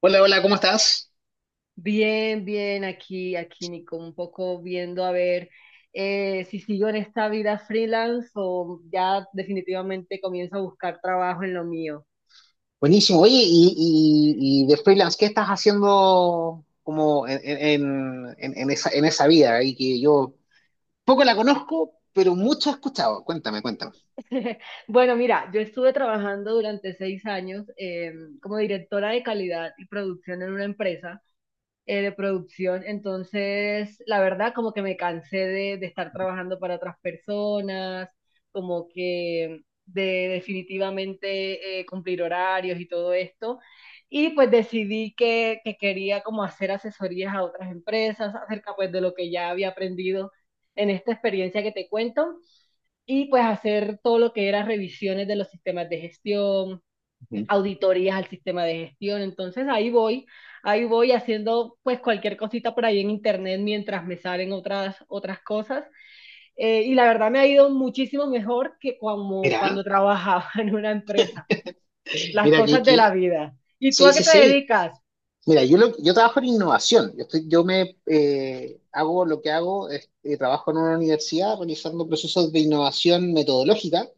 Hola, hola, ¿cómo estás? Bien, bien, aquí, aquí, Nico, un poco viendo a ver si sigo en esta vida freelance o ya definitivamente comienzo a buscar trabajo en lo mío. Buenísimo. Oye, y de freelance, ¿qué estás haciendo como en esa vida? Y que yo poco la conozco, pero mucho he escuchado. Cuéntame, cuéntame. Bueno, mira, yo estuve trabajando durante seis años como directora de calidad y producción en una empresa. De producción. Entonces, la verdad, como que me cansé de estar trabajando para otras personas, como que de definitivamente cumplir horarios y todo esto. Y pues decidí que quería como hacer asesorías a otras empresas acerca pues de lo que ya había aprendido en esta experiencia que te cuento y pues hacer todo lo que era revisiones de los sistemas de gestión, Ujú. auditorías al sistema de gestión. Entonces ahí voy haciendo pues cualquier cosita por ahí en internet mientras me salen otras, otras cosas. Y la verdad me ha ido muchísimo mejor que como Mira, cuando trabajaba en una empresa. Las mira, que, cosas de la que vida. ¿Y tú a sí, qué sí, te sí. dedicas? Mira, yo trabajo en innovación. Yo, estoy, yo me Hago lo que hago, es, trabajo en una universidad realizando procesos de innovación metodológica.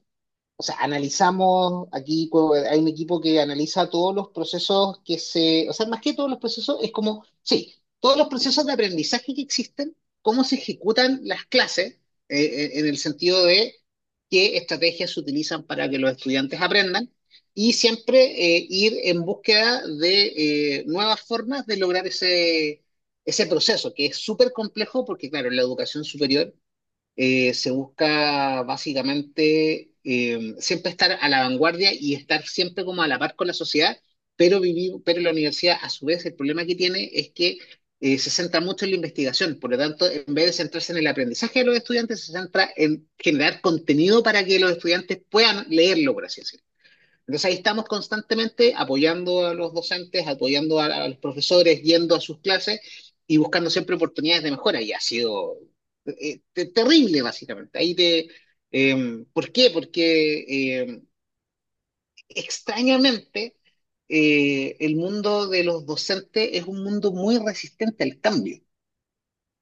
O sea, analizamos aquí, hay un equipo que analiza todos los procesos o sea, más que todos los procesos, es como, sí, todos los procesos de aprendizaje que existen, cómo se ejecutan las clases, en el sentido de qué estrategias se utilizan para que los estudiantes aprendan, y siempre ir en búsqueda de nuevas formas de lograr ese proceso, que es súper complejo porque, claro, en la educación superior se busca básicamente siempre estar a la vanguardia y estar siempre como a la par con la sociedad, pero la universidad a su vez el problema que tiene es que se centra mucho en la investigación. Por lo tanto, en vez de centrarse en el aprendizaje de los estudiantes, se centra en generar contenido para que los estudiantes puedan leerlo, por así decirlo. Entonces ahí estamos constantemente apoyando a los docentes, apoyando a los profesores, yendo a sus clases y buscando siempre oportunidades de mejora. Y ha sido terrible, básicamente. ¿Por qué? Porque extrañamente el mundo de los docentes es un mundo muy resistente al cambio.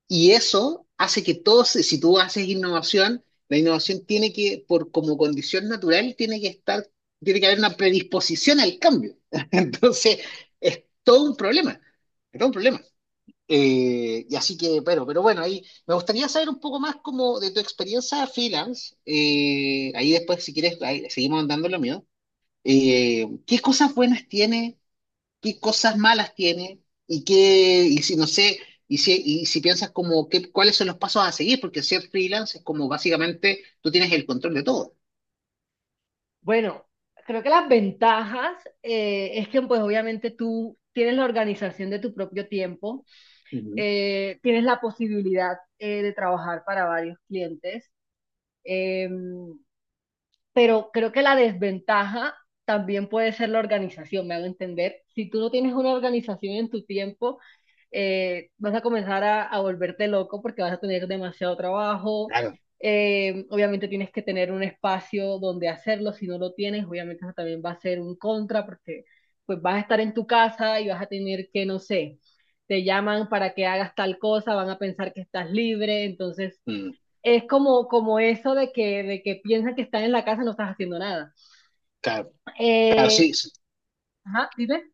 Y eso hace que todos, si tú haces innovación, la innovación tiene que, por como condición natural, tiene que haber una predisposición al cambio. Entonces, es todo un problema, es todo un problema. Pero bueno, ahí me gustaría saber un poco más como de tu experiencia freelance. Ahí después, si quieres, ahí seguimos andando lo mío. ¿Qué cosas buenas tiene? ¿Qué cosas malas tiene y y si no sé, y si piensas como qué, cuáles son los pasos a seguir, porque ser freelance es como básicamente tú tienes el control de todo. Bueno, creo que las ventajas es que pues obviamente tú tienes la organización de tu propio tiempo, Ujú. Tienes la posibilidad de trabajar para varios clientes. em, pero creo que la desventaja también puede ser la organización, me hago entender. Si tú no tienes una organización en tu tiempo, vas a comenzar a volverte loco porque vas a tener demasiado trabajo. Claro. Obviamente tienes que tener un espacio donde hacerlo, si no lo tienes, obviamente eso también va a ser un contra porque pues vas a estar en tu casa y vas a tener que, no sé, te llaman para que hagas tal cosa, van a pensar que estás libre, entonces Mm, es como, como eso de que piensan que están en la casa y no estás haciendo nada. claro, claro, Eh, sí, sí. ajá, dime.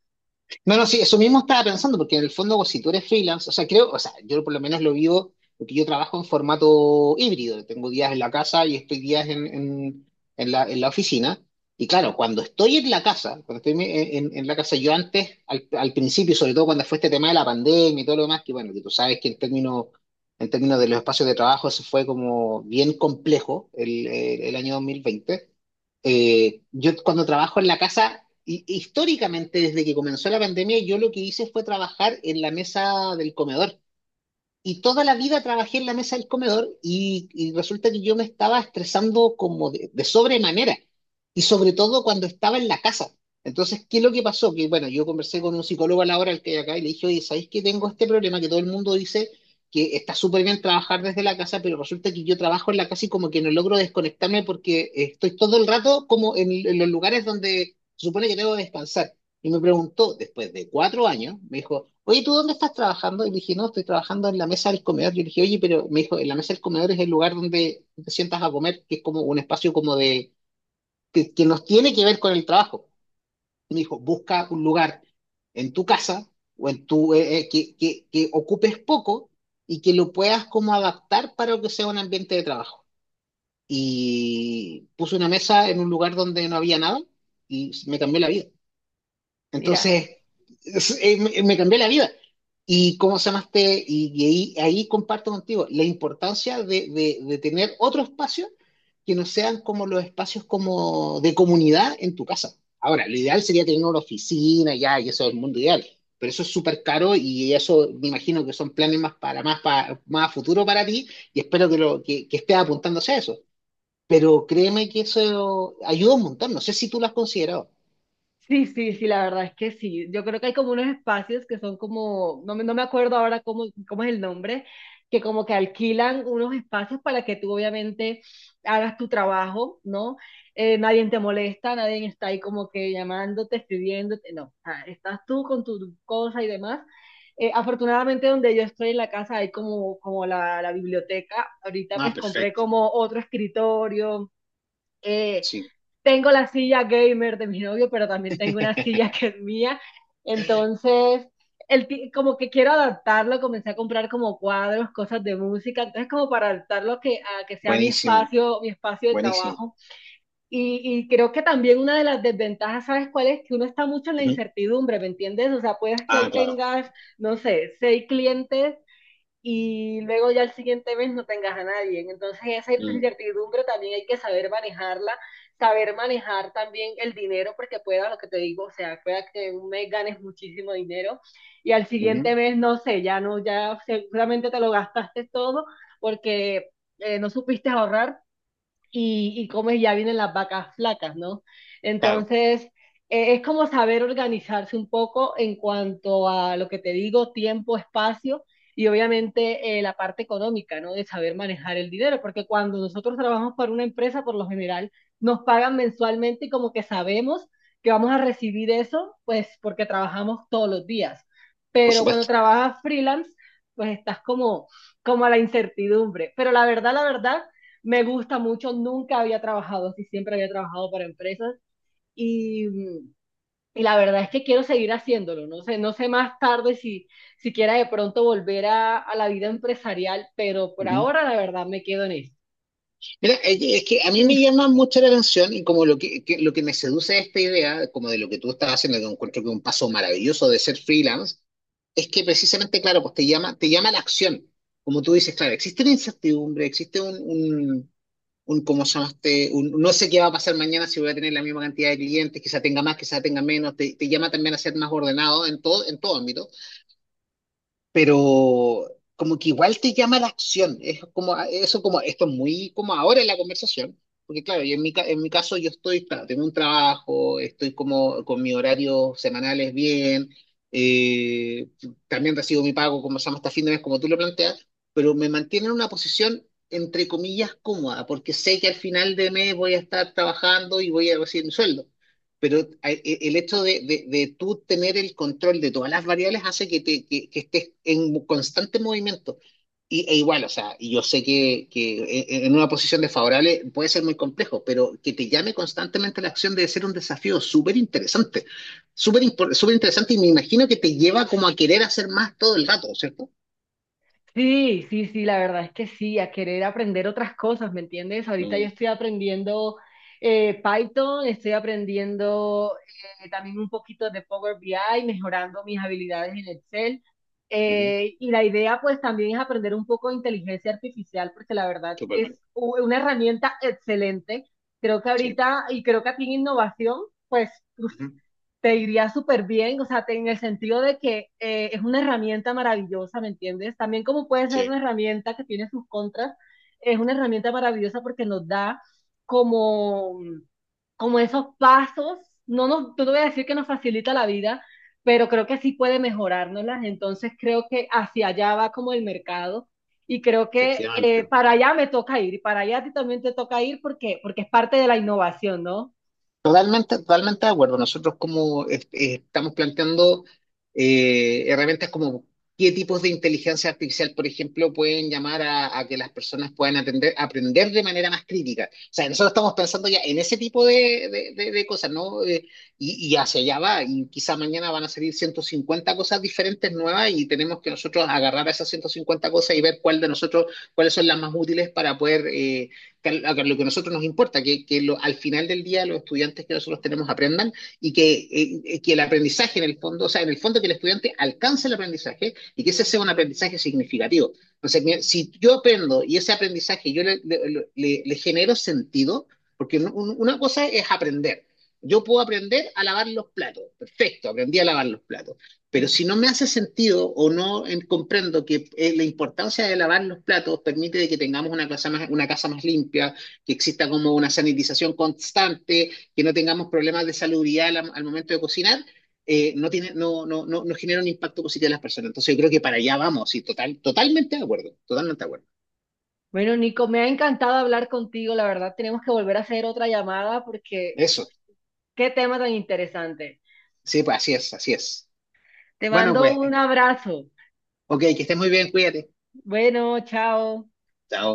No, no, sí, eso mismo estaba pensando, porque en el fondo, pues, si tú eres freelance, o sea, creo, o sea, yo por lo menos lo vivo, porque yo trabajo en formato híbrido, tengo días en la casa y estoy días en la oficina. Y claro, cuando estoy en la casa, cuando estoy en la casa, yo antes, al principio, sobre todo cuando fue este tema de la pandemia y todo lo demás, que bueno, que tú sabes que en términos de los espacios de trabajo, eso fue como bien complejo el año 2020. Yo cuando trabajo en la casa, históricamente desde que comenzó la pandemia, yo lo que hice fue trabajar en la mesa del comedor. Y toda la vida trabajé en la mesa del comedor y resulta que yo me estaba estresando como de sobremanera y sobre todo cuando estaba en la casa. Entonces, ¿qué es lo que pasó? Que bueno, yo conversé con un psicólogo a la hora al que hay acá y le dije, oye, ¿sabéis que tengo este problema que todo el mundo dice que está súper bien trabajar desde la casa, pero resulta que yo trabajo en la casa y como que no logro desconectarme porque estoy todo el rato como en los lugares donde se supone que debo descansar? Y me preguntó, después de 4 años, me dijo, oye, ¿tú dónde estás trabajando? Y le dije, no, estoy trabajando en la mesa del comedor. Yo le dije, oye, pero me dijo, en la mesa del comedor es el lugar donde te sientas a comer, que es como un espacio como de, que nos tiene que ver con el trabajo. Y me dijo, busca un lugar en tu casa o en tu, que ocupes poco y que lo puedas como adaptar para que sea un ambiente de trabajo. Y puse una mesa en un lugar donde no había nada y me cambió la vida. Mira, Entonces, me cambió la vida. Y cómo se llamaste, y ahí comparto contigo la importancia de tener otro espacio que no sean como los espacios como de comunidad en tu casa. Ahora, lo ideal sería tener una oficina ya, y eso es el mundo ideal, pero eso es súper caro y eso me imagino que son planes más para más a futuro para ti y espero que estés apuntándose a eso. Pero créeme que eso ayuda un montón, no sé si tú lo has considerado. sí, sí, sí, la verdad es que sí. Yo creo que hay como unos espacios que son como, no me acuerdo ahora cómo, cómo es el nombre, que como que alquilan unos espacios para que tú obviamente hagas tu trabajo, ¿no? Nadie te molesta, nadie está ahí como que llamándote, escribiéndote, no, o sea, estás tú con tu cosa y demás. Afortunadamente donde yo estoy en la casa hay como, como la biblioteca. Ahorita Ah, pues compré perfecto. como otro escritorio. eh, Sí. Tengo la silla gamer de mi novio, pero también tengo una silla que es mía. Entonces, como que quiero adaptarlo, comencé a comprar como cuadros, cosas de música, entonces como para adaptarlo a que sea Buenísimo, mi espacio de buenísimo. trabajo. Y creo que también una de las desventajas, ¿sabes cuál es? Que uno está mucho en la Ujú. incertidumbre, ¿me entiendes? O sea, puedes que Ah, hoy claro. tengas, no sé, seis clientes y luego ya el siguiente mes no tengas a nadie. Entonces esa Mm, incertidumbre también hay que saber manejarla, saber manejar también el dinero, porque pueda lo que te digo, o sea, pueda que un mes ganes muchísimo dinero y al ujú. siguiente mes, no sé, ya no, ya seguramente te lo gastaste todo porque no supiste ahorrar y comes ya vienen las vacas flacas, ¿no? Claro, Entonces, es como saber organizarse un poco en cuanto a lo que te digo, tiempo, espacio y obviamente la parte económica, ¿no? De saber manejar el dinero, porque cuando nosotros trabajamos para una empresa, por lo general, nos pagan mensualmente y como que sabemos que vamos a recibir eso, pues porque trabajamos todos los días. por Pero cuando supuesto. trabajas freelance, pues estás como, como a la incertidumbre. Pero la verdad, me gusta mucho, nunca había trabajado así, siempre había trabajado para empresas y, y la verdad es que quiero seguir haciéndolo, no sé, no sé más tarde si, si quiera de pronto volver a la vida empresarial, pero por Ujú. ahora la verdad me quedo en Mira, es que a mí me eso. llama mucho la atención y como lo que, lo que me seduce de esta idea, como de lo que tú estás haciendo, que encuentro que es un paso maravilloso de ser freelance, es que precisamente, claro, pues te llama la acción. Como tú dices, claro, existe una incertidumbre, existe un, un ¿cómo se llama este? No sé qué va a pasar mañana, si voy a tener la misma cantidad de clientes, quizá tenga más, quizá tenga menos, te llama también a ser más ordenado en todo ámbito. Pero como que igual te llama la acción. Es como, ah, eso como, esto es muy como ahora en la conversación, porque claro, yo en mi caso claro, tengo un trabajo, estoy como con mi horario semanales bien, eh, también recibo mi pago, como se llama, hasta fin de mes, como tú lo planteas, pero me mantiene en una posición, entre comillas, cómoda, porque sé que al final de mes voy a estar trabajando y voy a recibir mi sueldo. Pero el hecho tú tener el control de todas las variables hace que estés en constante movimiento. E igual, o sea, y yo sé en una posición desfavorable puede ser muy complejo, pero que te llame constantemente la acción debe ser un desafío súper interesante, súper interesante y me imagino que te lleva como a querer hacer más todo el rato, ¿cierto? Sí, sí, sí, la verdad es que sí, a querer aprender otras cosas, ¿me entiendes? Ahorita yo estoy aprendiendo Python, estoy aprendiendo también un poquito de Power BI, mejorando mis habilidades en Excel. Ujú. Y la idea pues también es aprender un poco de inteligencia artificial, porque la verdad es una herramienta excelente. Creo que Sí, ahorita, y creo que aquí en innovación, pues ujú. te iría súper bien, o sea, en el sentido de que es una herramienta maravillosa, ¿me entiendes? También como puede ser Sí, una herramienta que tiene sus contras, es una herramienta maravillosa porque nos da como, como esos pasos, no nos, no te voy a decir que nos facilita la vida, pero creo que sí puede mejorárnoslas, entonces creo que hacia allá va como el mercado. Y creo que efectivamente. Para allá me toca ir y para allá a ti también te toca ir porque, porque es parte de la innovación, ¿no? Totalmente, totalmente de acuerdo. Nosotros como estamos planteando herramientas como qué tipos de inteligencia artificial, por ejemplo, pueden llamar a que las personas puedan aprender de manera más crítica. O sea, nosotros estamos pensando ya en ese tipo de cosas, ¿no? Y hacia allá va. Y quizá mañana van a salir 150 cosas diferentes nuevas y tenemos que nosotros agarrar esas 150 cosas y ver cuál de nosotros, cuáles son las más útiles para poder, que lo que a nosotros nos importa, al final del día los estudiantes que nosotros tenemos aprendan y que el aprendizaje en el fondo, o sea, en el fondo que el estudiante alcance el aprendizaje y que ese sea un aprendizaje significativo. Entonces, si yo aprendo y ese aprendizaje yo le genero sentido, porque una cosa es aprender. Yo puedo aprender a lavar los platos. Perfecto, aprendí a lavar los platos. Pero si no me hace sentido o no comprendo que la importancia de lavar los platos permite de que tengamos una casa más, limpia, que exista como una sanitización constante, que no tengamos problemas de salubridad al momento de cocinar, no tiene, no genera un impacto positivo en las personas. Entonces yo creo que para allá vamos, y totalmente de acuerdo, totalmente de acuerdo. Bueno, Nico, me ha encantado hablar contigo. La verdad, tenemos que volver a hacer otra llamada porque Eso, qué tema tan interesante. sí, pues así es, así es. Te Bueno, mando pues, un abrazo. ok, que estés muy bien, cuídate. Bueno, chao. Chao.